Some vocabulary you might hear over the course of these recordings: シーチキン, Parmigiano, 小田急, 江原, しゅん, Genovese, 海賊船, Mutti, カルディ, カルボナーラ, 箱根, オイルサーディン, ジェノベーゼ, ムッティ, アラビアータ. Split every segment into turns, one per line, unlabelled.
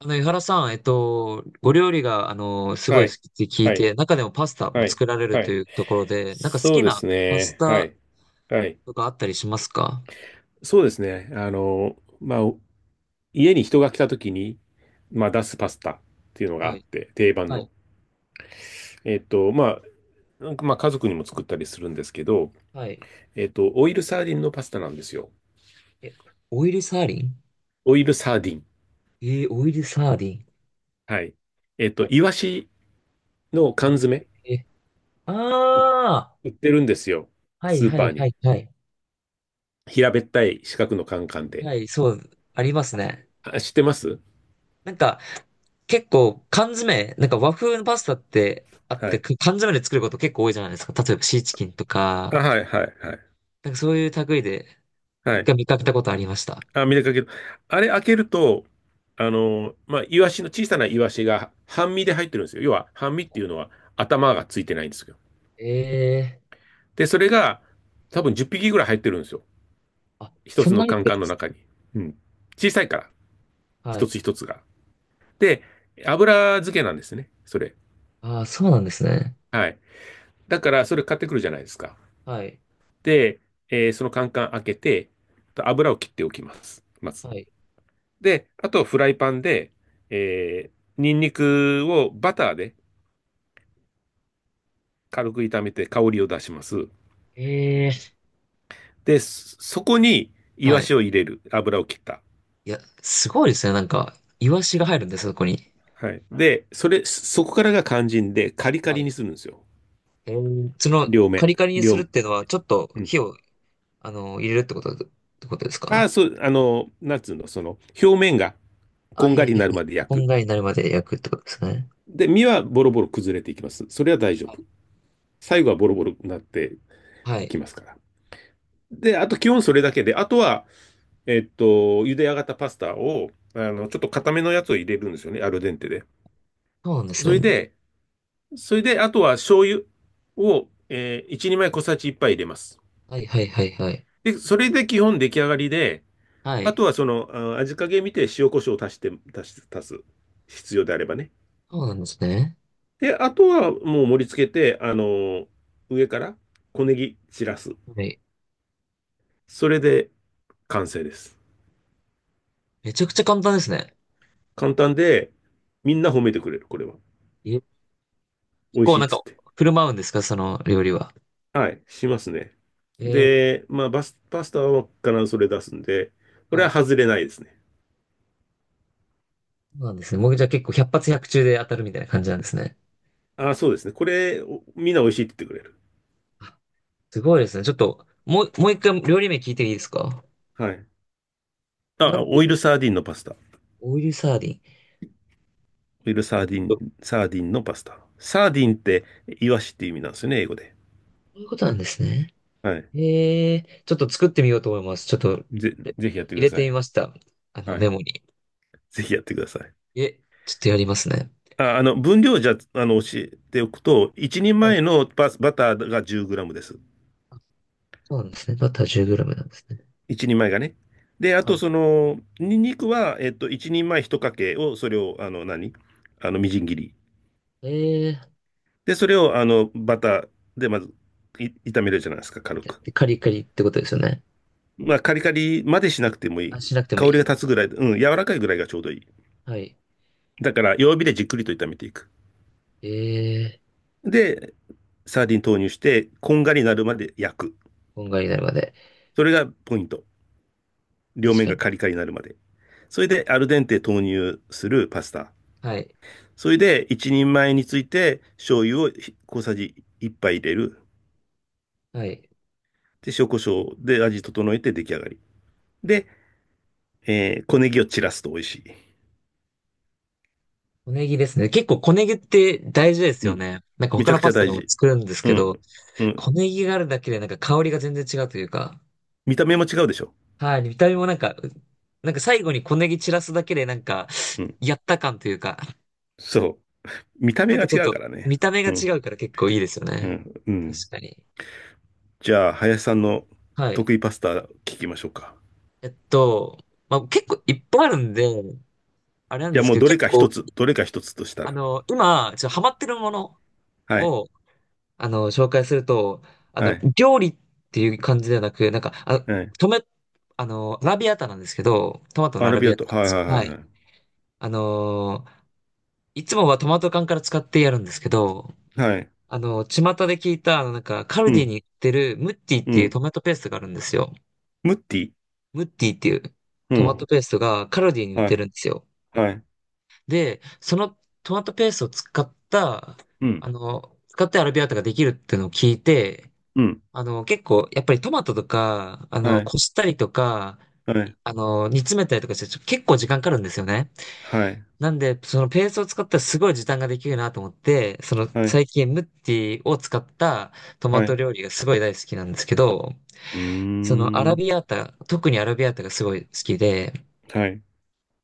江原さん、ご料理が、すご
は
い好
い。
きって聞い
はい。
て、中でもパスタも
はい。
作られる
は
と
い。
いうところで、なんか好
そう
き
で
な
す
パス
ね。は
タ
い。はい。
とかあったりしますか？
そうですね。家に人が来た時に、出すパスタっていうのがあ
は
っ
い、
て、定番
はい、
の。えっと、ま家族にも作ったりするんですけど、
はい。
オイルサーディンのパスタなんですよ。
え、オイルサーディン。
オイルサーディン。
オイルサーディン。
はい。
はい。
イワシの缶詰、
えー、あ
売ってるんですよ。
あ、はい、
スー
は
パ
い、
ー
は
に。
い、はい。
平べったい四角のカンカンで。
はい、そう、ありますね。
あ、知ってます。
なんか、結構缶詰、なんか和風のパスタってあっ
は
て、
い。
く缶詰で作ること結構多いじゃないですか。例えばシーチキンと
あ、
か、
はい、はい、はい。
なんかそういう類で。
は
一
い。
回見かけたことありました。
あ、見れかけど、あれ開けると、イワシの、小さなイワシが半身で入ってるんですよ。要は、半身っていうのは頭がついてないんですよ。
ええ。
で、それが多分10匹ぐらい入ってるんですよ。
あ、
一
そ
つ
ん
の
なにっ
カン
て
カ
るん
ン
で
の
す。
中に。うん。小さいから、
は
一
い。
つ一つが。で、油漬けなんですね、それ。
ああ、そうなんですね。
はい。だから、それ買ってくるじゃないですか。
はい。
で、そのカンカン開けて、油を切っておきます。まず。
はい。
で、あとフライパンで、えーニンニクをバターで、軽く炒めて香りを出します。
ええ。
で、そこにイ
は
ワ
い。
シを入れる。油を切った。
いや、すごいですね。なんか、イワシが入るんです、そこに。
はい。で、それ、そこからが肝心で、カリカ
は
リ
い。
にするんですよ。
その、
両
カ
面。
リカリにす
両
るっ
面。
ていうのは、ちょっと
うん。
火を、入れるってことだ、ってことです
ああ、
か？
そう、あの、なんつうの、その、表面が
あ、
こ
は
ん
いは
が
い
りに
は
な
い。
るまで焼
こん
く。
がりになるまで焼くってことですね。
で、身はボロボロ崩れていきます。それは大丈
はい。
夫。最後はボロボロになって
は
いき
い。
ますから。で、あと基本それだけで、あとは、えっと、茹で上がったパスタを、ちょっと固めのやつを入れるんですよね、アルデンテで。
そうなんで
そ
す
れ
ね。
で、それで、あとは醤油を、1、2枚小さじいっぱ杯入れます。
はいはいはいはい。
で、それで基本出来上がりで、
は
あ
い。
とはその、あ味加減見て塩コショウを足して、足す、足す。必要であればね。
そうなんですね。
で、あとはもう盛り付けて、上から小ネギ散らす。
はい。
それで完成です。
めちゃくちゃ簡単ですね。
簡単で、みんな褒めてくれる、これは。
え。結
美味
構
しいっ
なん
つっ
か、
て。
振る舞うんですか、その料理は。
はい、しますね。
えー、
で、パスタは必ずそれ出すんで、これ
は
は
い。
外れないですね。
そうなんですね。もうじゃあ結構百発百中で当たるみたいな感じなんですね。
あ、そうですね。これ、みんな美味しいって言ってくれる。
あ。すごいですね。ちょっと、もう、もう一回料理名聞いていいですか？
はい。
な
あ、
ん
オ
て、
イルサーディンのパスタ。オ
オイルサーディン。
イルサーディ
そ
ン、サーディンのパスタ。サーディンって、イワシって意味なんですよね、英語で。
ういうことなんですね。
はい。
ええ。ちょっと作ってみようと思います。ちょっと、
ぜ、
え。
ぜひやってく
入
だ
れ
さ
てみま
い。
した。あの、
は
メ
い。
モに。
ぜひやってください。
え、ちょっとやりますね。
あ、分量じゃ、あの、教えておくと、一人
はい。
前のパス、バターが10グラムです。
あ。そうなんですね。バター 10g なんですね。
一人前がね。で、あ
は
と、
い。
その、ニンニクは、一人前一かけを、それを、あの、何あの、みじん切り。
ええ。
で、それをあのバターでまず炒めるじゃないですか、軽く。
で、カリカリってことですよね。
まあ、カリカリまでしなくてもい
あ、
い。
しなくても
香
い
りが
い。
立つぐらい、うん、柔らかいぐらいがちょうどいい。
はい。
だから、弱火でじっくりと炒めていく。
ええ。
で、サーディン投入して、こんがりになるまで焼く。
こんがりになるまで。
それがポイント。両
確
面
か
が
に。
カリカリになるまで。それで、アルデンテ投入するパスタ。
はい。
それで、一人前について、醤油を小さじ1杯入れる。
はい。
で、塩コショウで味整えて出来上がり。で、小ネギを散らすと美味しい。
小ネギですね。結構小ネギって大事です
う
よ
ん。
ね。なんか
めち
他
ゃ
の
くち
パ
ゃ
スタ
大
でも
事。
作るんです
う
け
ん。
ど、
う
小
ん。
ネギがあるだけでなんか香りが全然違うというか、
見た目も違うでしょ。
はい。見た目もなんか、なんか最後に小ネギ散らすだけでなんか、
うん。
やった感というか、
そう。見た
な
目
ん
が
かちょっ
違う
と
からね。
見た目が
うん。
違うから結構いいですよ
う
ね。
ん。う
確
ん。
かに。
じゃあ、林さんの
はい。
得意パスタ聞きましょうか。
えっと、まあ、結構いっぱいあるんで、あれなん
いや
です
もう
けど、
どれ
結
か一
構、
つ、どれか一つとしたら。
今、ちょっとハマってるもの
はい。
を、紹介すると、
はい。
料理っていう感じではなく、なんか、あ、
はい。
トマ、アラビアータなんですけど、トマトの
ア
ア
ラ
ラ
ビ
ビ
アー
アー
ト、
タなんで
はいは
す。
いは
は
いは
い。
い。
あのーいつもはトマト缶から使ってやるんですけど、
はい。
巷で聞いた、なんか、カル
う
ディ
ん。
に売ってるムッティっ
う
ていう
ん。
トマトペーストがあるんですよ。
ムッティ。
ムッティっていう
う
トマ
ん。
トペーストがカルディに売っ
は
て
い。
るんですよ。
はい。
で、そのトマトペーストを使った、
うん。
使ってアラビアータができるっていうのを聞いて、
うん。
結構、やっぱりトマトとか、
はい。
こしたりとか、
はい。
煮詰めたりとかして、結構時間かかるんですよね。
はい。
なんで、そのペーストを使ったらすごい時短ができるなと思って、その
はい。
最近ムッティを使ったトマ
は
ト
い。
料理がすごい大好きなんですけど、
うー
そのアラ
ん。
ビアータ、特にアラビアータがすごい好きで、
はい。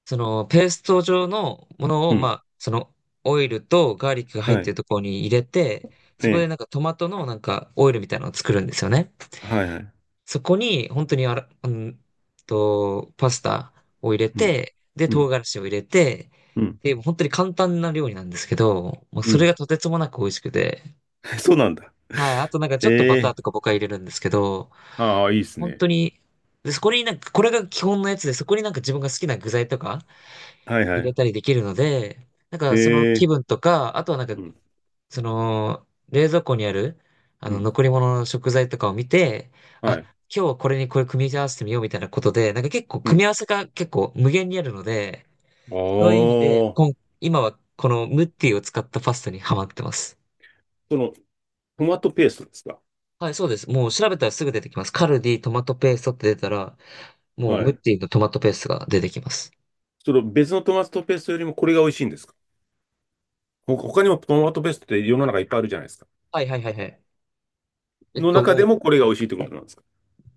そのペースト状のもの
う
を、ま
ん。
あ、そのオイルとガーリックが入っ
は
てる
い。
ところに入れて、
え
そこで
え。
なんかトマトのなんかオイルみたいなのを作るんですよね。
はいはい。
そこに、本当にあら、うんと、パスタを入れ
うん。
て、で、
う
唐
ん。
辛子を入れて、
うん。
で、本当に簡単な料理なんですけど、もう
う
それ
ん。
がとてつもなく美味しくて、
そうなんだ。
はい、あとなんかちょっとバタ
え
ー
え。
とか僕は入れるんですけど、
ああ、いいです
本
ね。
当に、で、そこになんか、これが基本のやつで、そこになんか自分が好きな具材とか
はいは
入れ
い。
たりできるので、なんか
え
その気
え。
分とか、あとはなんか
うん。
その、冷蔵庫にある、
うん。
残り物の食材とかを見て、
は
あ、
い。
今日はこれにこれ組み合わせてみようみたいなことで、なんか結構
う
組み
ん。
合わせが結構無限にあるので、そういう
あ
意味で、
あ。
今、はこのムッティを使ったパスタにハマってます。
その、トマトペーストですか？
はい、そうです。もう調べたらすぐ出てきます。カルディトマトペーストって出たら、もう
は
ムッ
い。
ティのトマトペーストが出てきます。
その別のトマトペーストよりもこれが美味しいんですか？他にもトマトペーストって世の中いっぱいあるじゃないですか。
はいはいはいはい。
の中
も
で
う
もこれが美味しいってことなんですか？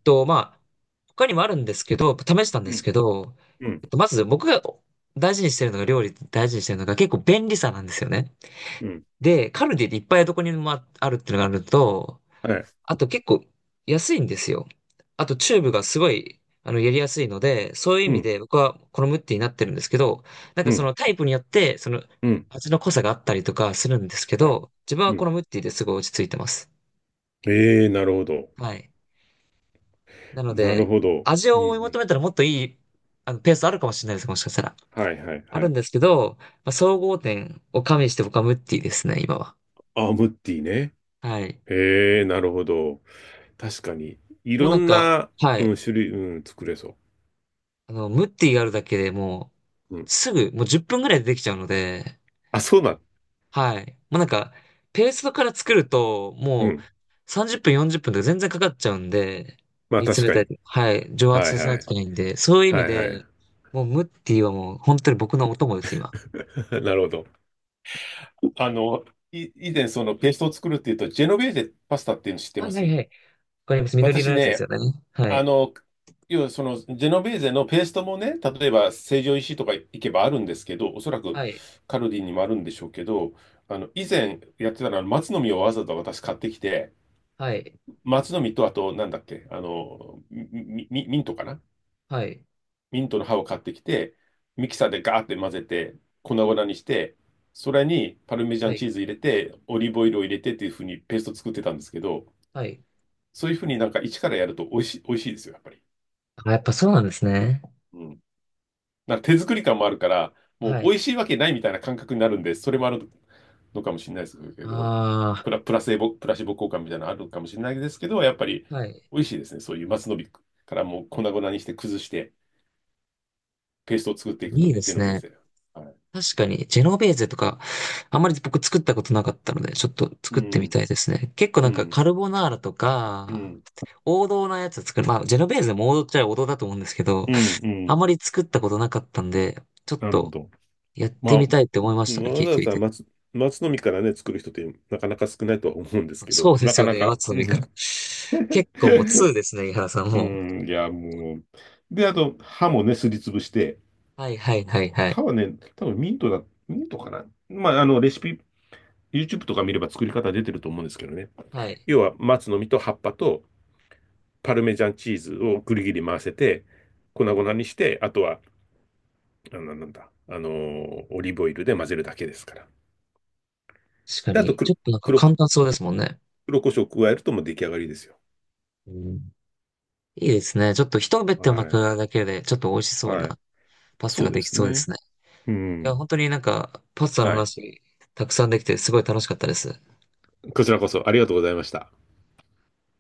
と、まあ、他にもあるんですけど、試したんで
う
す
ん。
けど、
うん。
まず僕が大事にしてるのが、料理大事にしてるのが結構便利さなんですよね。
うん。
で、カルディでいっぱいどこにもああるっていうのがあるのと、
はい。
あと結構安いんですよ。あとチューブがすごい、やりやすいので、そういう意
う
味
ん。
で僕はこのムッティになってるんですけど、なん
う
かそ
ん。
のタイプによって、その
うん。
味の濃さがあったりとかするんですけ
はい。
ど、自分
う
はこの
ん。
ムッティですごい落ち着いてます。
ええ、なるほど。
はい。なの
なる
で、
ほど。
味
うんう
を追い求
ん。
めたらもっといい、ペースあるかもしれないです、もしかしたら。
はいはい
あ
は
るん
い。
ですけど、まあ、総合点を加味して僕はムッティですね、今は。
あ、ムッティね。
はい。
ええ、なるほど。確かに。い
もう
ろ
なん
ん
か、
な、
は
うん、
い。
種類、うん、作れそ
ムッティがあるだけでも
う。う
う、
ん。
すぐ、もう10分ぐらいでできちゃうので、
あ、そうだ。
はい。もうなんか、ペーストから作ると、
う
も
ん。
う30分、40分とか全然かかっちゃうんで、
まあ
煮詰
確
め
か
た
に。
り、はい、蒸発
はい
させ
は
ない
い。
といけないんで、そういう意
は
味
いは
で、もうムッティはもう本当に僕のお供です、今。
い。なるほど。あの、以前そのペーストを作るっていうと、ジェノベーゼパスタっていうの知って
は
ま
いはい
す？
はい。かります。緑色
私
のやつです
ね、
よね。は
あ
い。
の、要はそのジェノベーゼのペーストもね、例えば成城石井とか行けばあるんですけど、おそらく
はい。
カルディにもあるんでしょうけど、以前やってたのは松の実をわざわざ私買ってきて、
はい。
松の実と、あと、なんだっけ、ミントかな。
はい。
ミントの葉を買ってきて、ミキサーでガーって混ぜて、粉々にして、それにパルメジャ
は
ン
い。
チーズ入れて、オリーブオイルを入れてっていうふうにペースト作ってたんですけど、
はい。
そういうふうになんか一からやると美味しい、美味しいですよ、やっぱり。
あ、やっぱそうなんですね。
うん。なんか手作り感もあるから、もう
は
美
い。
味しいわけないみたいな感覚になるんで、それもあるのかもしれないですけど、
あ
プラシボ効果みたいなのあるかもしれないですけど、やっぱり
あ、はい。
美味しいですね。そういう松の実からもう粉々にして崩して、ペーストを作っていくと
いいで
ね、ジェ
す
ノベー
ね。
ゼ。はい。
確かに、ジェノベーゼとか、あんまり僕作ったことなかったので、ちょっと
う
作ってみ
ん、
たいですね。結構
う
なんか
ん、
カルボナーラと
う
か、
ん、
王道なやつ作る。まあ、ジェノベーゼも王道っちゃ王道だと思うんですけど、
うん、う
あんま
ん。
り作ったことなかったんで、ちょっ
なるほ
と
ど。
やっ
ま
て
あ、
みたいって思いましたね、
わ
聞い
ざわ
てみ
ざ
て。
松、松の実からね、作る人ってなかなか少ないとは思うんですけど、
そうで
な
す
か
よ
な
ね。
か、
松
う
の実から。
ん。
結構もう2 ですね、井原さん
う
もう。
ん、いや、もう。で、あと、歯もね、すりつぶして、
はいはいはいはい。
歯はね、多分ミントかな。まあ、あの、レシピ、YouTube とか見れば作り方出てると思うんですけどね。
はい。
要は、松の実と葉っぱとパルメジャンチーズをぐりぐり回せて、粉々にして、あとは、あの、なんだ、あのーオリーブオイルで混ぜるだけですから。
確か
で、あと
に。ち
黒、
ょっとなんか
黒
簡
こ、
単そうですもんね。
黒胡椒を加えるともう出来上がりですよ。
うん。いいですね。ちょっと一目って巻く
は
だけで、ちょっと美味し
い。
そう
は
な
い。
パスタ
そう
が
で
でき
す
そうで
ね。
すね。
う
いや、
ん。
本当になんか、パスタの
はい。
話、たくさんできて、すごい楽しかったです。
こちらこそありがとうございました。